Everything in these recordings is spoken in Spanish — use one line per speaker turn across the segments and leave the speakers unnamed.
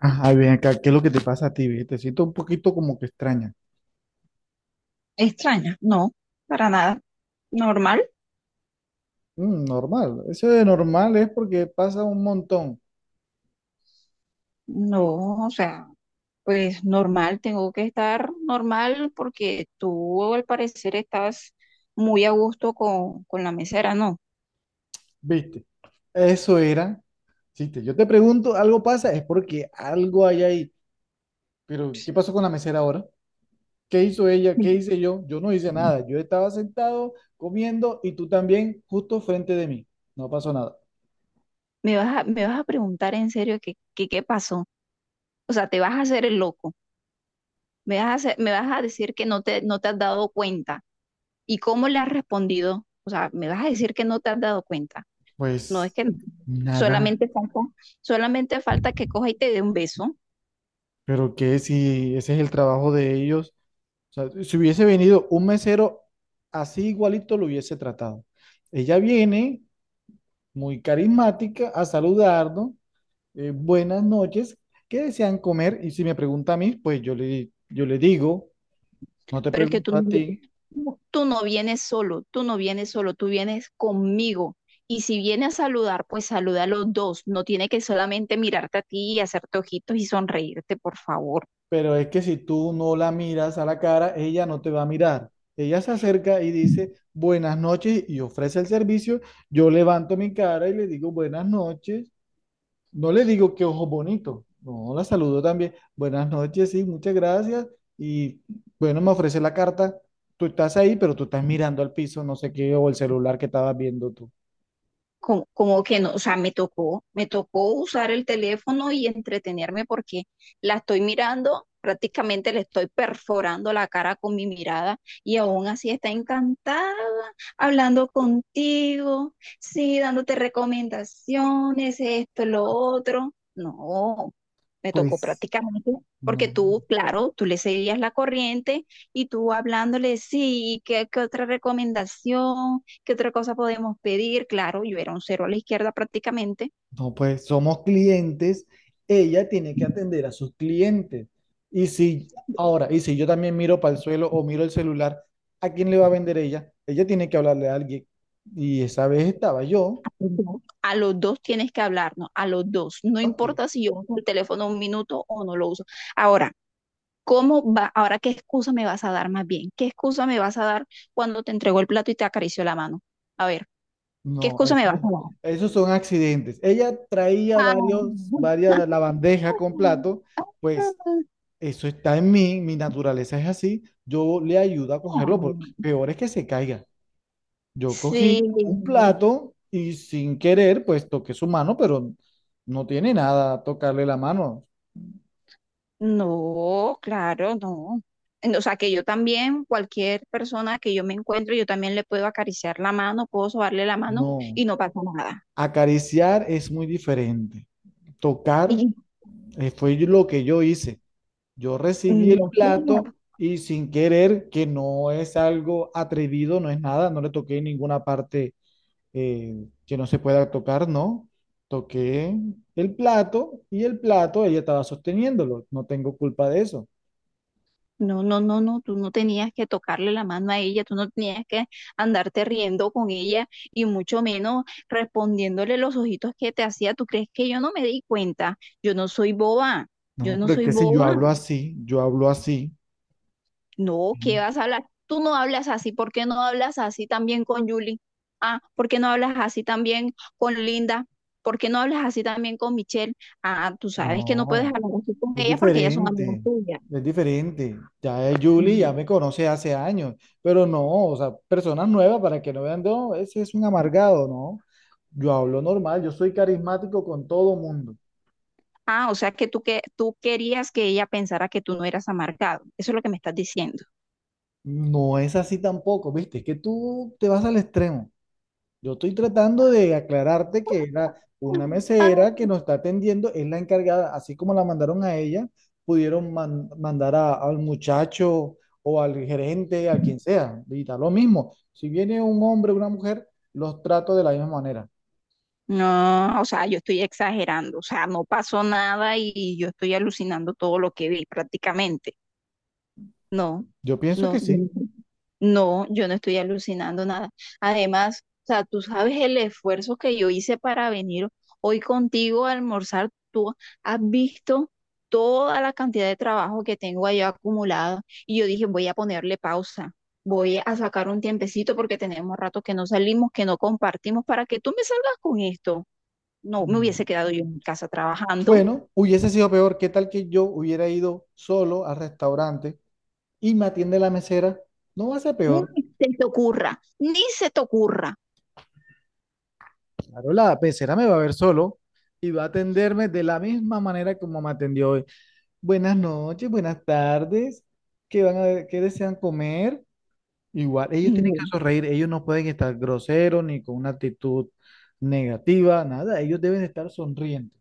Ajá, ven acá, ¿qué es lo que te pasa a ti? ¿Ve? Te siento un poquito como que extraña.
Extraña, no, para nada. Normal,
Normal, eso de normal es porque pasa un montón,
no, o sea, pues normal, tengo que estar normal porque tú al parecer estás muy a gusto con la mesera, ¿no?
¿viste? Eso era, ¿viste? Yo te pregunto, algo pasa, es porque algo hay ahí. Pero, ¿qué pasó con la mesera ahora? ¿Qué hizo ella? ¿Qué hice yo? Yo no hice nada, yo estaba sentado comiendo y tú también justo frente de mí. No pasó nada.
Me vas a preguntar en serio que qué pasó. O sea, te vas a hacer el loco. Me vas a decir que no te has dado cuenta. ¿Y cómo le has respondido? O sea, me vas a decir que no te has dado cuenta. No es
Pues
que
nada,
solamente falta, solamente falta que coja y te dé un beso.
pero que si ese es el trabajo de ellos. O sea, si hubiese venido un mesero así igualito, lo hubiese tratado. Ella viene muy carismática a saludarnos, buenas noches, ¿qué desean comer? Y si me pregunta a mí, pues yo le digo, no te
Pero es que
pregunto a ti,
tú no vienes solo, tú no vienes solo, tú vienes conmigo. Y si viene a saludar, pues saluda a los dos. No tiene que solamente mirarte a ti y hacerte ojitos y sonreírte, por favor.
pero es que si tú no la miras a la cara, ella no te va a mirar. Ella se acerca y dice, buenas noches, y ofrece el servicio. Yo levanto mi cara y le digo, buenas noches. No le digo que ojos bonitos. No, la saludo también. Buenas noches, sí, muchas gracias. Y bueno, me ofrece la carta. Tú estás ahí, pero tú estás mirando al piso, no sé qué, o el celular que estabas viendo tú.
Como que no, o sea, me tocó usar el teléfono y entretenerme porque la estoy mirando, prácticamente le estoy perforando la cara con mi mirada y aún así está encantada hablando contigo, sí, dándote recomendaciones, esto, lo otro. No, me tocó
Pues,
prácticamente, porque
no,
tú, claro, tú le seguías la corriente y tú hablándole, sí, ¿qué otra recomendación? ¿Qué otra cosa podemos pedir? Claro, yo era un cero a la izquierda prácticamente.
no, pues somos clientes. Ella tiene que atender a sus clientes. Y si, ahora, y si yo también miro para el suelo o miro el celular, ¿a quién le va a vender ella? Ella tiene que hablarle a alguien. Y esa vez estaba yo.
Ujú. A los dos tienes que hablarnos, a los dos. No
Ok.
importa si yo uso el teléfono un minuto o no lo uso. Ahora, ¿cómo va? Ahora, ¿qué excusa me vas a dar más bien? ¿Qué excusa me vas a dar cuando te entregó el plato y te acarició la mano? A ver, ¿qué
No,
excusa me vas
eso-
a dar?
Esos son accidentes. Ella traía
Ah.
varios, varias, la bandeja con plato, pues eso está en mí, mi naturaleza es así, yo le ayudo a cogerlo porque peor es que se caiga. Yo
Sí,
cogí un plato y sin querer, pues toqué su mano, pero no tiene nada tocarle la mano.
no, claro, no. No, o sea, que yo también, cualquier persona que yo me encuentre, yo también le puedo acariciar la mano, puedo sobarle la mano
No,
y no pasa nada.
acariciar es muy diferente. Tocar,
Y
fue lo que yo hice. Yo recibí el
no, señor,
plato y sin querer, que no es algo atrevido, no es nada, no le toqué ninguna parte que no se pueda tocar, no. Toqué el plato y el plato ella estaba sosteniéndolo, no tengo culpa de eso.
no, no, no, no, tú no tenías que tocarle la mano a ella, tú no tenías que andarte riendo con ella y mucho menos respondiéndole los ojitos que te hacía. ¿Tú crees que yo no me di cuenta? Yo no soy boba, yo
No,
no
pero es
soy
que si yo
boba.
hablo así, yo hablo así.
No, ¿qué vas a hablar? Tú no hablas así. ¿Por qué no hablas así también con Julie? Ah, ¿por qué no hablas así también con Linda? ¿Por qué no hablas así también con Michelle? Ah, tú sabes que no puedes
No.
hablar así con
Es
ellas porque ellas son amigas
diferente,
tuyas.
es diferente. Ya es Julie,
Ujú.
ya me conoce hace años, pero no, o sea, personas nuevas para que no vean, no, ese es un amargado, ¿no? Yo hablo normal, yo soy carismático con todo mundo.
Ah, o sea que que tú querías que ella pensara que tú no eras amargado. Eso es lo que me estás diciendo.
No es así tampoco, ¿viste? Es que tú te vas al extremo. Yo estoy tratando de aclararte que era una
Ah,
mesera que nos está atendiendo, es la encargada, así como la mandaron a ella, pudieron mandar al muchacho o al gerente, a quien sea, y da lo mismo. Si viene un hombre o una mujer, los trato de la misma manera.
no, o sea, yo estoy exagerando. O sea, no pasó nada y yo estoy alucinando todo lo que vi prácticamente. No,
Yo pienso
no,
que
yo no
sí.
no, yo no estoy alucinando nada. Además, o sea, tú sabes el esfuerzo que yo hice para venir hoy contigo a almorzar. Tú has visto toda la cantidad de trabajo que tengo allá acumulado y yo dije, voy a ponerle pausa. Voy a sacar un tiempecito porque tenemos rato que no salimos, que no compartimos, para que tú me salgas con esto. No, me
No.
hubiese quedado yo en casa trabajando.
Bueno, hubiese sido peor. ¿Qué tal que yo hubiera ido solo al restaurante y me atiende la mesera? No va a ser
Ni
peor.
se te ocurra, ni se te ocurra.
Claro, la pecera me va a ver solo y va a atenderme de la misma manera como me atendió hoy. Buenas noches, buenas tardes. Qué desean comer? Igual, ellos tienen
No.
que sonreír, ellos no pueden estar groseros ni con una actitud negativa, nada, ellos deben estar sonrientes.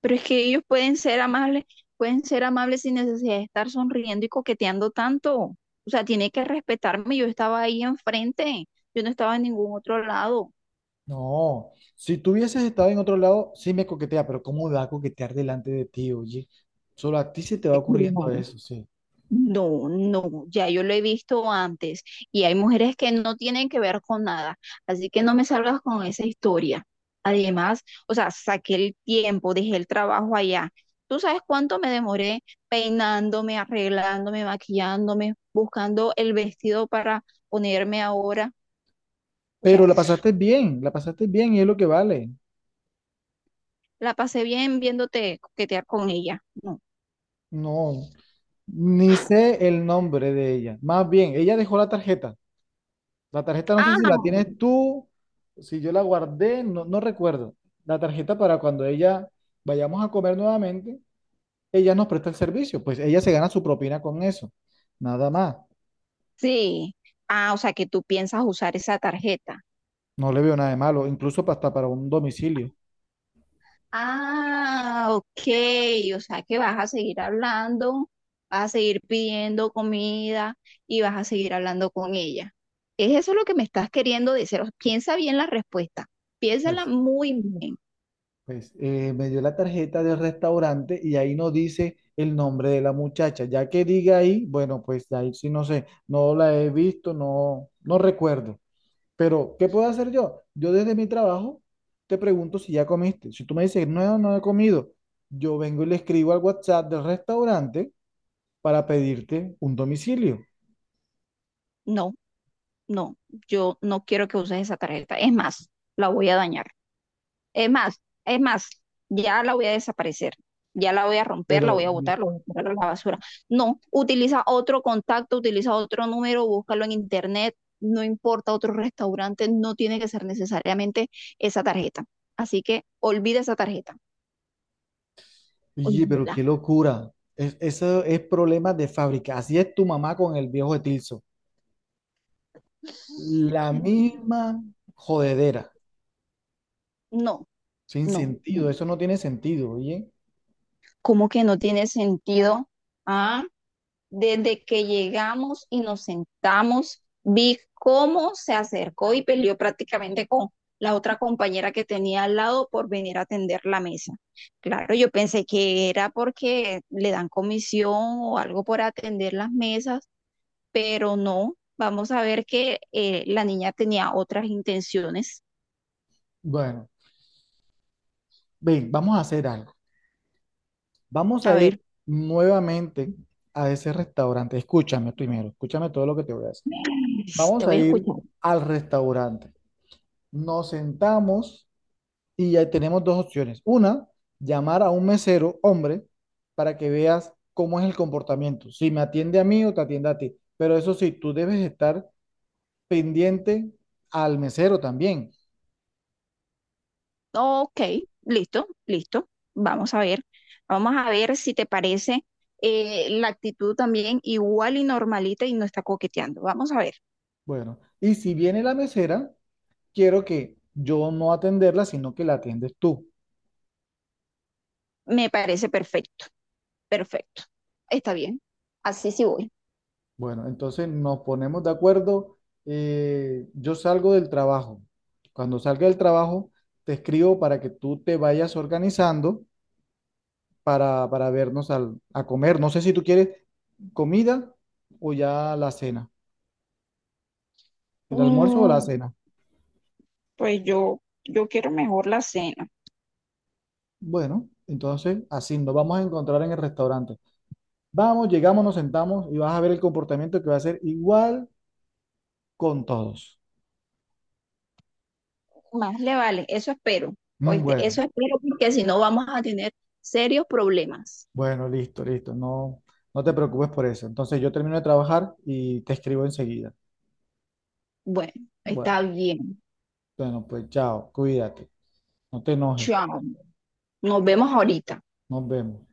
Pero es que ellos pueden ser amables sin necesidad de estar sonriendo y coqueteando tanto. O sea, tiene que respetarme. Yo estaba ahí enfrente, yo no estaba en ningún otro lado.
No, si tú hubieses estado en otro lado, sí me coquetea, pero ¿cómo va a coquetear delante de ti, oye? Solo a ti se te va ocurriendo eso, sí.
No, no, ya yo lo he visto antes y hay mujeres que no tienen que ver con nada, así que no me salgas con esa historia. Además, o sea, saqué el tiempo, dejé el trabajo allá. ¿Tú sabes cuánto me demoré peinándome, arreglándome, maquillándome, buscando el vestido para ponerme ahora? O sea,
Pero la pasaste bien y es lo que vale.
la pasé bien viéndote coquetear con ella. No.
No. Ni sé el nombre de ella. Más bien, ella dejó la tarjeta. La tarjeta no sé
Ah,
si la tienes tú, si yo la guardé, no, no recuerdo. La tarjeta para cuando ella vayamos a comer nuevamente, ella nos presta el servicio. Pues ella se gana su propina con eso. Nada más.
sí. Ah, o sea, que tú piensas usar esa tarjeta.
No le veo nada de malo, incluso hasta para un domicilio.
Ah, ok, o sea que vas a seguir hablando, vas a seguir pidiendo comida y vas a seguir hablando con ella. ¿Es eso lo que me estás queriendo decir? O sea, piensa bien la respuesta, piénsala
Pues,
muy bien.
pues me dio la tarjeta del restaurante y ahí no dice el nombre de la muchacha. Ya que diga ahí, bueno, pues ahí sí no sé, no la he visto, no, no recuerdo. Pero, ¿qué puedo hacer yo? Yo desde mi trabajo te pregunto si ya comiste. Si tú me dices, no, no he comido, yo vengo y le escribo al WhatsApp del restaurante para pedirte un domicilio.
No, no, yo no quiero que uses esa tarjeta, es más, la voy a dañar. Es más, es más, ya la voy a desaparecer, ya la voy a romper, la voy
Pero,
a botar, la voy a tirar a la basura. No, utiliza otro contacto, utiliza otro número, búscalo en internet, no importa otro restaurante, no tiene que ser necesariamente esa tarjeta. Así que olvida esa tarjeta,
oye, pero
olvídala.
qué locura. Eso es problema de fábrica. Así es tu mamá con el viejo Etilso. La misma jodedera.
No,
Sin
no, no.
sentido. Eso no tiene sentido, oye.
¿Cómo que no tiene sentido? Desde que llegamos y nos sentamos, vi cómo se acercó y peleó prácticamente con la otra compañera que tenía al lado por venir a atender la mesa. Claro, yo pensé que era porque le dan comisión o algo por atender las mesas, pero no. Vamos a ver que la niña tenía otras intenciones.
Bueno, ven, vamos a hacer algo. Vamos
A
a
ver,
ir nuevamente a ese restaurante. Escúchame primero, escúchame todo lo que te voy a decir.
te
Vamos
voy
a
a
ir
escuchar.
al restaurante. Nos sentamos y ya tenemos dos opciones. Una, llamar a un mesero, hombre, para que veas cómo es el comportamiento. Si me atiende a mí o te atiende a ti. Pero eso sí, tú debes estar pendiente al mesero también.
Ok, listo, listo. Vamos a ver. Vamos a ver si te parece la actitud también igual y normalita y no está coqueteando. Vamos a ver.
Bueno, y si viene la mesera, quiero que yo no atenderla, sino que la atiendes tú.
Me parece perfecto, perfecto. Está bien. Así sí voy.
Bueno, entonces nos ponemos de acuerdo. Yo salgo del trabajo. Cuando salga del trabajo, te escribo para que tú te vayas organizando para vernos a comer. No sé si tú quieres comida o ya la cena, el almuerzo o
Mm,
la cena.
pues yo quiero mejor la cena.
Bueno, entonces así nos vamos a encontrar en el restaurante. Vamos, llegamos, nos sentamos y vas a ver el comportamiento que va a ser igual con todos.
Más le vale, eso espero. Oíste, eso
Bueno.
espero porque si no vamos a tener serios problemas.
Bueno, listo, listo. No, no te preocupes por eso. Entonces yo termino de trabajar y te escribo enseguida.
Bueno,
Bueno,
está bien.
bueno, pues chao, cuídate, no te enojes,
Chao. Nos vemos ahorita.
nos vemos.